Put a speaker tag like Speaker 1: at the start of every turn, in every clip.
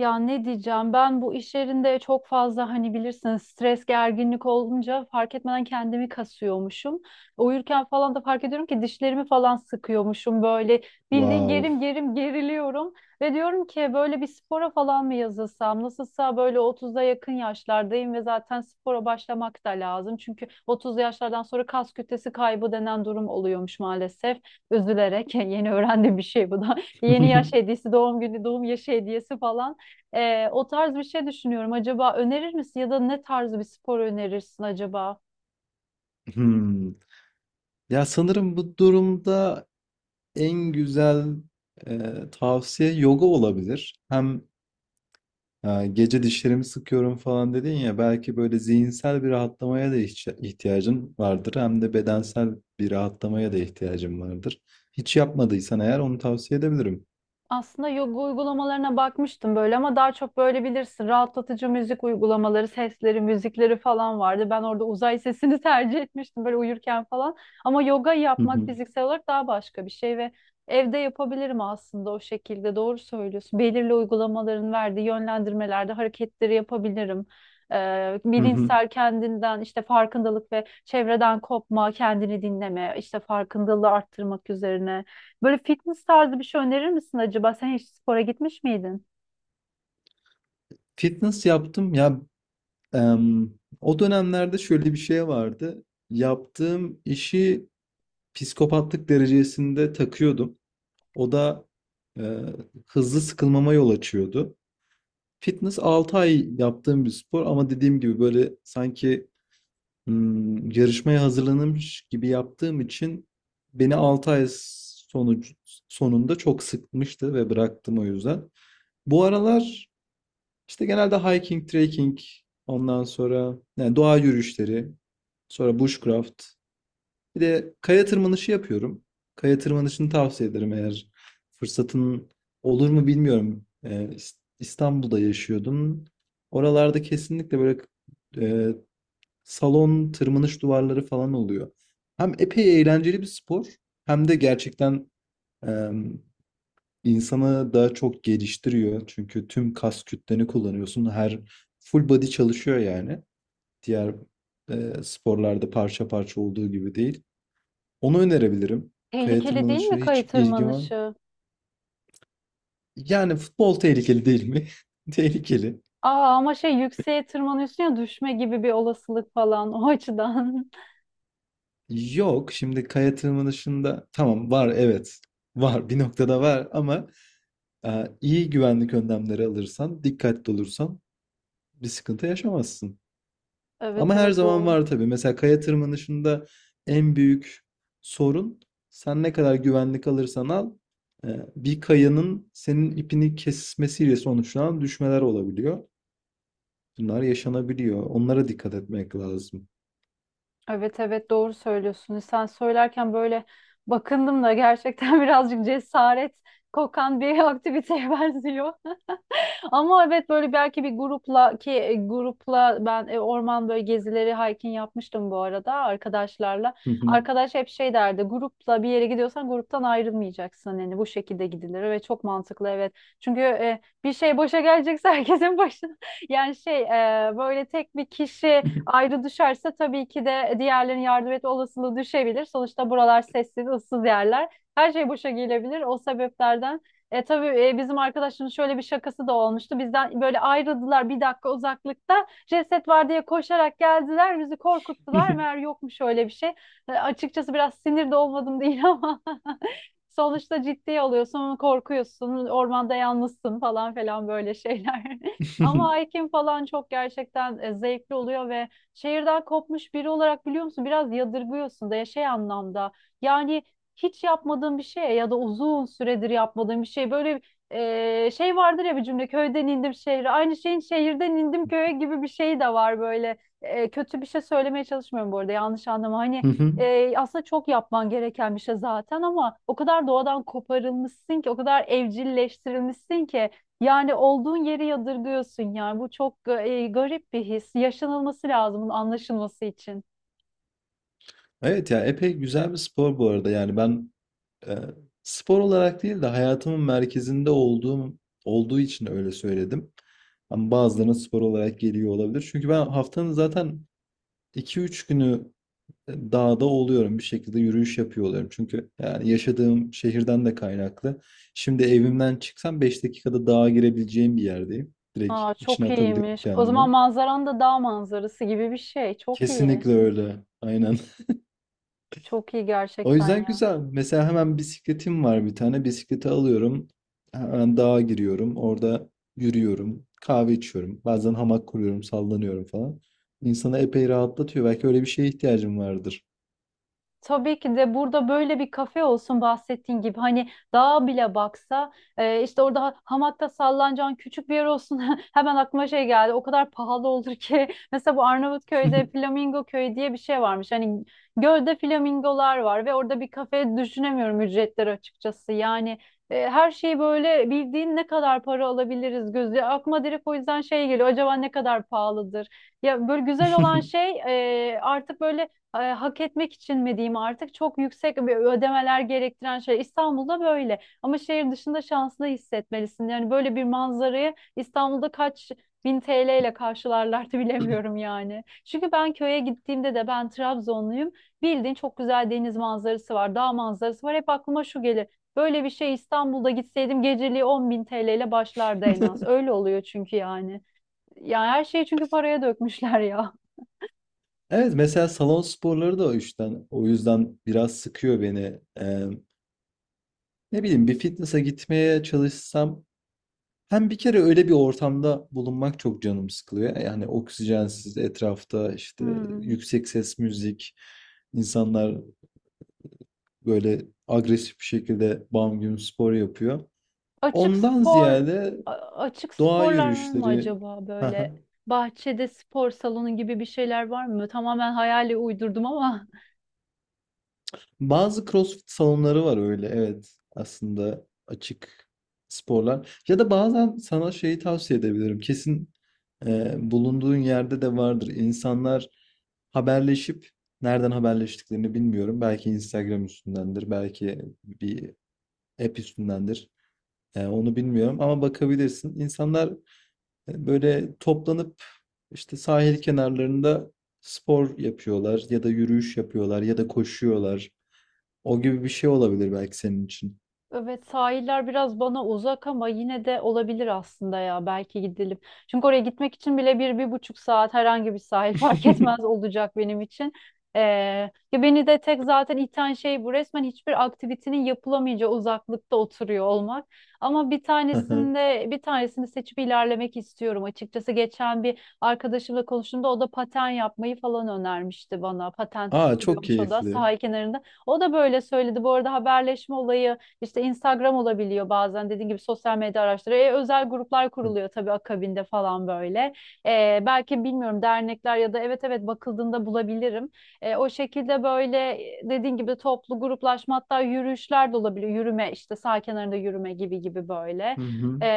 Speaker 1: Ya ne diyeceğim ben bu iş yerinde çok fazla hani bilirsiniz stres gerginlik olunca fark etmeden kendimi kasıyormuşum. Uyurken falan da fark ediyorum ki dişlerimi falan sıkıyormuşum böyle bildiğin
Speaker 2: Wow.
Speaker 1: gerim gerim geriliyorum. Ve diyorum ki böyle bir spora falan mı yazılsam nasılsa böyle 30'a yakın yaşlardayım ve zaten spora başlamak da lazım. Çünkü 30'lu yaşlardan sonra kas kütlesi kaybı denen durum oluyormuş maalesef. Üzülerek yeni öğrendiğim bir şey bu da. Yeni yaş hediyesi doğum günü doğum yaşı hediyesi falan. O tarz bir şey düşünüyorum. Acaba önerir misin ya da ne tarz bir spor önerirsin acaba?
Speaker 2: Hmm. Ya sanırım bu durumda en güzel e, tavsiye yoga olabilir. Hem gece dişlerimi sıkıyorum falan dedin ya, belki böyle zihinsel bir rahatlamaya da ihtiyacın vardır. Hem de bedensel bir rahatlamaya da ihtiyacın vardır. Hiç yapmadıysan eğer, onu tavsiye edebilirim.
Speaker 1: Aslında yoga uygulamalarına bakmıştım böyle ama daha çok böyle bilirsin rahatlatıcı müzik uygulamaları, sesleri, müzikleri falan vardı. Ben orada uzay sesini tercih etmiştim böyle uyurken falan. Ama yoga
Speaker 2: Hı
Speaker 1: yapmak
Speaker 2: hı,
Speaker 1: fiziksel olarak daha başka bir şey ve evde yapabilirim aslında o şekilde. Doğru söylüyorsun. Belirli uygulamaların verdiği yönlendirmelerde hareketleri yapabilirim. Ee,
Speaker 2: hı hı.
Speaker 1: bilinçsel kendinden işte farkındalık ve çevreden kopma, kendini dinleme, işte farkındalığı arttırmak üzerine. Böyle fitness tarzı bir şey önerir misin acaba? Sen hiç spora gitmiş miydin?
Speaker 2: Fitness yaptım ya, em, o dönemlerde şöyle bir şey vardı. Yaptığım işi psikopatlık derecesinde takıyordum. O da e, hızlı sıkılmama yol açıyordu. Fitness 6 ay yaptığım bir spor, ama dediğim gibi böyle sanki yarışmaya hazırlanmış gibi yaptığım için beni 6 ay sonucu, sonunda çok sıkmıştı ve bıraktım o yüzden. Bu aralar işte genelde hiking, trekking, ondan sonra yani doğa yürüyüşleri, sonra bushcraft. Bir de kaya tırmanışı yapıyorum. Kaya tırmanışını tavsiye ederim, eğer fırsatın olur mu bilmiyorum. İstanbul'da yaşıyordum. Oralarda kesinlikle böyle e, salon tırmanış duvarları falan oluyor. Hem epey eğlenceli bir spor, hem de gerçekten e, insanı daha çok geliştiriyor. Çünkü tüm kas kütleni kullanıyorsun. Her full body çalışıyor yani. Diğer sporlarda parça parça olduğu gibi değil. Onu önerebilirim. Kaya
Speaker 1: Tehlikeli değil
Speaker 2: tırmanışı
Speaker 1: mi
Speaker 2: hiç
Speaker 1: kayı
Speaker 2: ilgim var.
Speaker 1: tırmanışı?
Speaker 2: Yani futbol tehlikeli değil mi? Tehlikeli.
Speaker 1: Aa ama şey yükseğe tırmanıyorsun ya düşme gibi bir olasılık falan o açıdan.
Speaker 2: Yok, şimdi kaya tırmanışında tamam, var, evet. Var, bir noktada var ama iyi güvenlik önlemleri alırsan, dikkatli olursan bir sıkıntı yaşamazsın. Ama
Speaker 1: Evet
Speaker 2: her
Speaker 1: evet
Speaker 2: zaman
Speaker 1: doğru.
Speaker 2: var tabii. Mesela kaya tırmanışında en büyük sorun, sen ne kadar güvenlik alırsan al, e, bir kayanın senin ipini kesmesiyle sonuçlanan düşmeler olabiliyor. Bunlar yaşanabiliyor. Onlara dikkat etmek lazım.
Speaker 1: Evet evet doğru söylüyorsun. Sen söylerken böyle bakındım da gerçekten birazcık cesaret kokan bir aktiviteye benziyor. Ama evet böyle belki bir grupla ki grupla ben orman böyle gezileri hiking yapmıştım bu arada arkadaşlarla.
Speaker 2: Hı hı.
Speaker 1: Arkadaş hep şey derdi grupla bir yere gidiyorsan gruptan ayrılmayacaksın yani bu şekilde gidilir ve çok mantıklı evet. Çünkü bir şey boşa gelecekse herkesin başına yani şey böyle tek bir kişi ayrı düşerse tabii ki de diğerlerinin yardım etme olasılığı düşebilir. Sonuçta buralar sessiz ıssız yerler. Her şey boşa gelebilir o sebeplerden. Tabii bizim arkadaşın şöyle bir şakası da olmuştu. Bizden böyle ayrıldılar bir dakika uzaklıkta. Ceset var diye koşarak geldiler. Bizi korkuttular. Meğer yokmuş öyle bir şey. Açıkçası biraz sinir de olmadım değil ama sonuçta ciddiye alıyorsun, korkuyorsun, ormanda yalnızsın falan falan böyle şeyler. Ama hiking falan çok gerçekten zevkli oluyor ve şehirden kopmuş biri olarak biliyor musun biraz yadırgıyorsun da ya şey anlamda. Yani hiç yapmadığın bir şey ya da uzun süredir yapmadığın bir şey böyle şey vardır ya bir cümle köyden indim şehre aynı şeyin şehirden indim köye gibi bir şey de var böyle. Kötü bir şey söylemeye çalışmıyorum bu arada yanlış anlama hani
Speaker 2: Hı hı.
Speaker 1: aslında çok yapman gereken bir şey zaten ama o kadar doğadan koparılmışsın ki, o kadar evcilleştirilmişsin ki yani olduğun yeri yadırgıyorsun yani bu çok garip bir his. Yaşanılması lazım bunun anlaşılması için.
Speaker 2: Evet ya, epey güzel bir spor bu arada. Yani ben e, spor olarak değil de hayatımın merkezinde olduğum olduğu için öyle söyledim. Ama bazılarına spor olarak geliyor olabilir. Çünkü ben haftanın zaten 2-3 günü dağda oluyorum. Bir şekilde yürüyüş yapıyor oluyorum. Çünkü yani yaşadığım şehirden de kaynaklı. Şimdi evimden çıksam 5 dakikada dağa girebileceğim bir yerdeyim. Direkt
Speaker 1: Aa,
Speaker 2: içine
Speaker 1: çok
Speaker 2: atabiliyorum
Speaker 1: iyiymiş. O
Speaker 2: kendimi.
Speaker 1: zaman manzaran da dağ manzarası gibi bir şey. Çok iyi.
Speaker 2: Kesinlikle öyle. Aynen.
Speaker 1: Çok iyi
Speaker 2: O
Speaker 1: gerçekten
Speaker 2: yüzden
Speaker 1: ya.
Speaker 2: güzel. Mesela hemen bisikletim var bir tane. Bisikleti alıyorum. Hemen dağa giriyorum. Orada yürüyorum. Kahve içiyorum. Bazen hamak kuruyorum, sallanıyorum falan. İnsanı epey rahatlatıyor. Belki öyle bir şeye ihtiyacım vardır.
Speaker 1: Tabii ki de burada böyle bir kafe olsun bahsettiğin gibi hani dağa bile baksa işte orada hamakta sallanacağın küçük bir yer olsun hemen aklıma şey geldi o kadar pahalı olur ki mesela bu Arnavutköy'de Flamingo Köyü diye bir şey varmış hani gölde flamingolar var ve orada bir kafe düşünemiyorum ücretleri açıkçası yani her şeyi böyle bildiğin ne kadar para alabiliriz gözü aklıma direkt o yüzden şey geliyor acaba ne kadar pahalıdır ya böyle güzel olan şey artık böyle hak etmek için mi diyeyim artık çok yüksek bir ödemeler gerektiren şey. İstanbul'da böyle ama şehir dışında şanslı hissetmelisin. Yani böyle bir manzarayı İstanbul'da kaç bin TL ile karşılarlardı bilemiyorum yani. Çünkü ben köye gittiğimde de ben Trabzonluyum. Bildiğin çok güzel deniz manzarası var, dağ manzarası var. Hep aklıma şu gelir. Böyle bir şey İstanbul'da gitseydim geceliği 10 bin TL ile başlardı en az. Öyle oluyor çünkü yani. Yani her şeyi çünkü paraya dökmüşler ya.
Speaker 2: Evet, mesela salon sporları da o yüzden, o yüzden biraz sıkıyor beni. Eee, Ne bileyim, bir fitness'a gitmeye çalışsam hem bir kere öyle bir ortamda bulunmak çok canım sıkılıyor. Yani oksijensiz, etrafta işte
Speaker 1: Hmm.
Speaker 2: yüksek ses müzik, insanlar böyle agresif bir şekilde bam güm spor yapıyor.
Speaker 1: Açık
Speaker 2: Ondan
Speaker 1: spor
Speaker 2: ziyade
Speaker 1: a- açık
Speaker 2: doğa
Speaker 1: sporlar var mı
Speaker 2: yürüyüşleri.
Speaker 1: acaba böyle
Speaker 2: Aha.
Speaker 1: bahçede spor salonu gibi bir şeyler var mı? Tamamen hayali uydurdum ama.
Speaker 2: Bazı CrossFit salonları var öyle. Evet. Aslında açık sporlar. Ya da bazen sana şeyi tavsiye edebilirim. Kesin bulunduğun yerde de vardır. İnsanlar haberleşip, nereden haberleştiklerini bilmiyorum. Belki Instagram üstündendir. Belki bir app üstündendir. Onu bilmiyorum ama bakabilirsin. İnsanlar, böyle toplanıp işte sahil kenarlarında spor yapıyorlar ya da yürüyüş yapıyorlar ya da koşuyorlar. O gibi bir şey olabilir belki senin için.
Speaker 1: Evet sahiller biraz bana uzak ama yine de olabilir aslında ya belki gidelim. Çünkü oraya gitmek için bile bir, bir buçuk saat herhangi bir sahil fark etmez olacak benim için. Ee, ya beni de tek zaten iten şey bu resmen hiçbir aktivitenin yapılamayacağı uzaklıkta oturuyor olmak. Ama bir
Speaker 2: Aha.
Speaker 1: tanesinde bir tanesini seçip ilerlemek istiyorum açıkçası. Geçen bir arkadaşımla konuştuğumda o da paten yapmayı falan önermişti bana. Patent
Speaker 2: Aa, çok
Speaker 1: sürüyormuş o da
Speaker 2: keyifli.
Speaker 1: sahil kenarında. O da böyle söyledi. Bu arada haberleşme olayı işte Instagram olabiliyor bazen dediğin gibi sosyal medya araçları. Özel gruplar
Speaker 2: Hı
Speaker 1: kuruluyor tabii akabinde falan böyle. Belki bilmiyorum dernekler ya da evet evet bakıldığında bulabilirim. O şekilde böyle dediğin gibi toplu gruplaşma hatta yürüyüşler de olabiliyor. Yürüme işte sağ kenarında yürüme gibi gibi böyle.
Speaker 2: hı,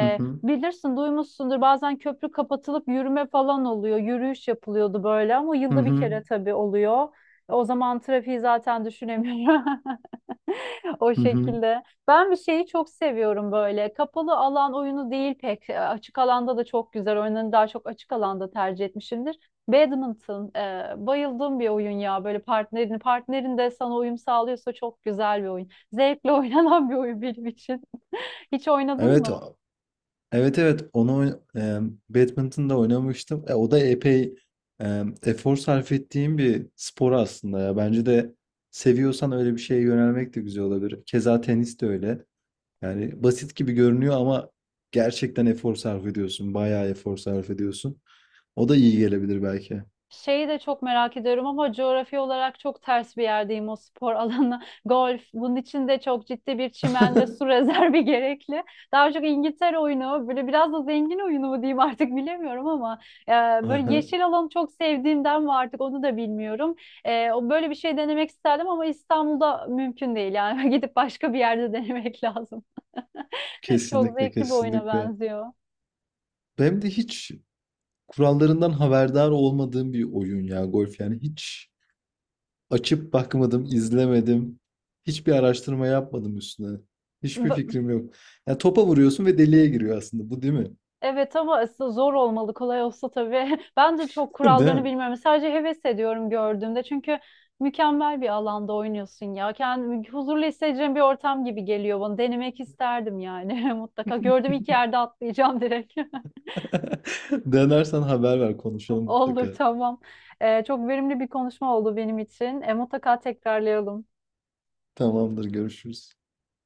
Speaker 2: hı hı,
Speaker 1: bilirsin duymuşsundur bazen köprü kapatılıp yürüme falan oluyor. Yürüyüş yapılıyordu böyle ama
Speaker 2: hı
Speaker 1: yılda bir kere
Speaker 2: hı.
Speaker 1: tabii oluyor. O zaman trafiği zaten düşünemiyorum. O
Speaker 2: Hı hı.
Speaker 1: şekilde. Ben bir şeyi çok seviyorum böyle. Kapalı alan oyunu değil pek. Açık alanda da çok güzel. Oyunlarını daha çok açık alanda tercih etmişimdir. Badminton. Bayıldığım bir oyun ya. Böyle partnerini, partnerin de sana uyum sağlıyorsa çok güzel bir oyun. Zevkle oynanan bir oyun benim için. Hiç oynadın
Speaker 2: Evet,
Speaker 1: mı?
Speaker 2: evet, evet, onu badminton'da oynamıştım. O da epey efor sarf ettiğim bir spor aslında ya. Bence de seviyorsan öyle bir şeye yönelmek de güzel olabilir. Keza tenis de öyle. Yani basit gibi görünüyor ama gerçekten efor sarf ediyorsun. Bayağı efor sarf ediyorsun. O da iyi gelebilir belki.
Speaker 1: Şeyi de çok merak ediyorum ama coğrafi olarak çok ters bir yerdeyim o spor alanı. Golf. Bunun için de çok ciddi bir çimen ve su rezervi gerekli. Daha çok İngiltere oyunu, böyle biraz da zengin oyunu mu diyeyim artık bilemiyorum ama e, böyle
Speaker 2: Aha,
Speaker 1: yeşil alanı çok sevdiğimden mi artık onu da bilmiyorum. O böyle bir şey denemek isterdim ama İstanbul'da mümkün değil yani gidip başka bir yerde denemek lazım. Çok
Speaker 2: kesinlikle,
Speaker 1: zevkli bir oyuna
Speaker 2: kesinlikle.
Speaker 1: benziyor.
Speaker 2: Hem de hiç kurallarından haberdar olmadığım bir oyun ya, golf. Yani hiç açıp bakmadım, izlemedim. Hiçbir araştırma yapmadım üstüne. Hiçbir fikrim yok. Yani topa vuruyorsun ve deliğe giriyor aslında. Bu değil mi?
Speaker 1: Evet ama aslında zor olmalı. Kolay olsa tabii. Ben de çok
Speaker 2: Değil
Speaker 1: kurallarını
Speaker 2: mi?
Speaker 1: bilmiyorum. Sadece heves ediyorum gördüğümde. Çünkü mükemmel bir alanda oynuyorsun ya. Kendimi huzurlu hissedeceğim bir ortam gibi geliyor bana. Denemek isterdim yani mutlaka. Gördüğüm iki yerde atlayacağım direkt.
Speaker 2: Denersen haber ver, konuşalım
Speaker 1: Olur
Speaker 2: mutlaka.
Speaker 1: tamam. Çok verimli bir konuşma oldu benim için. Mutlaka tekrarlayalım.
Speaker 2: Tamamdır, görüşürüz.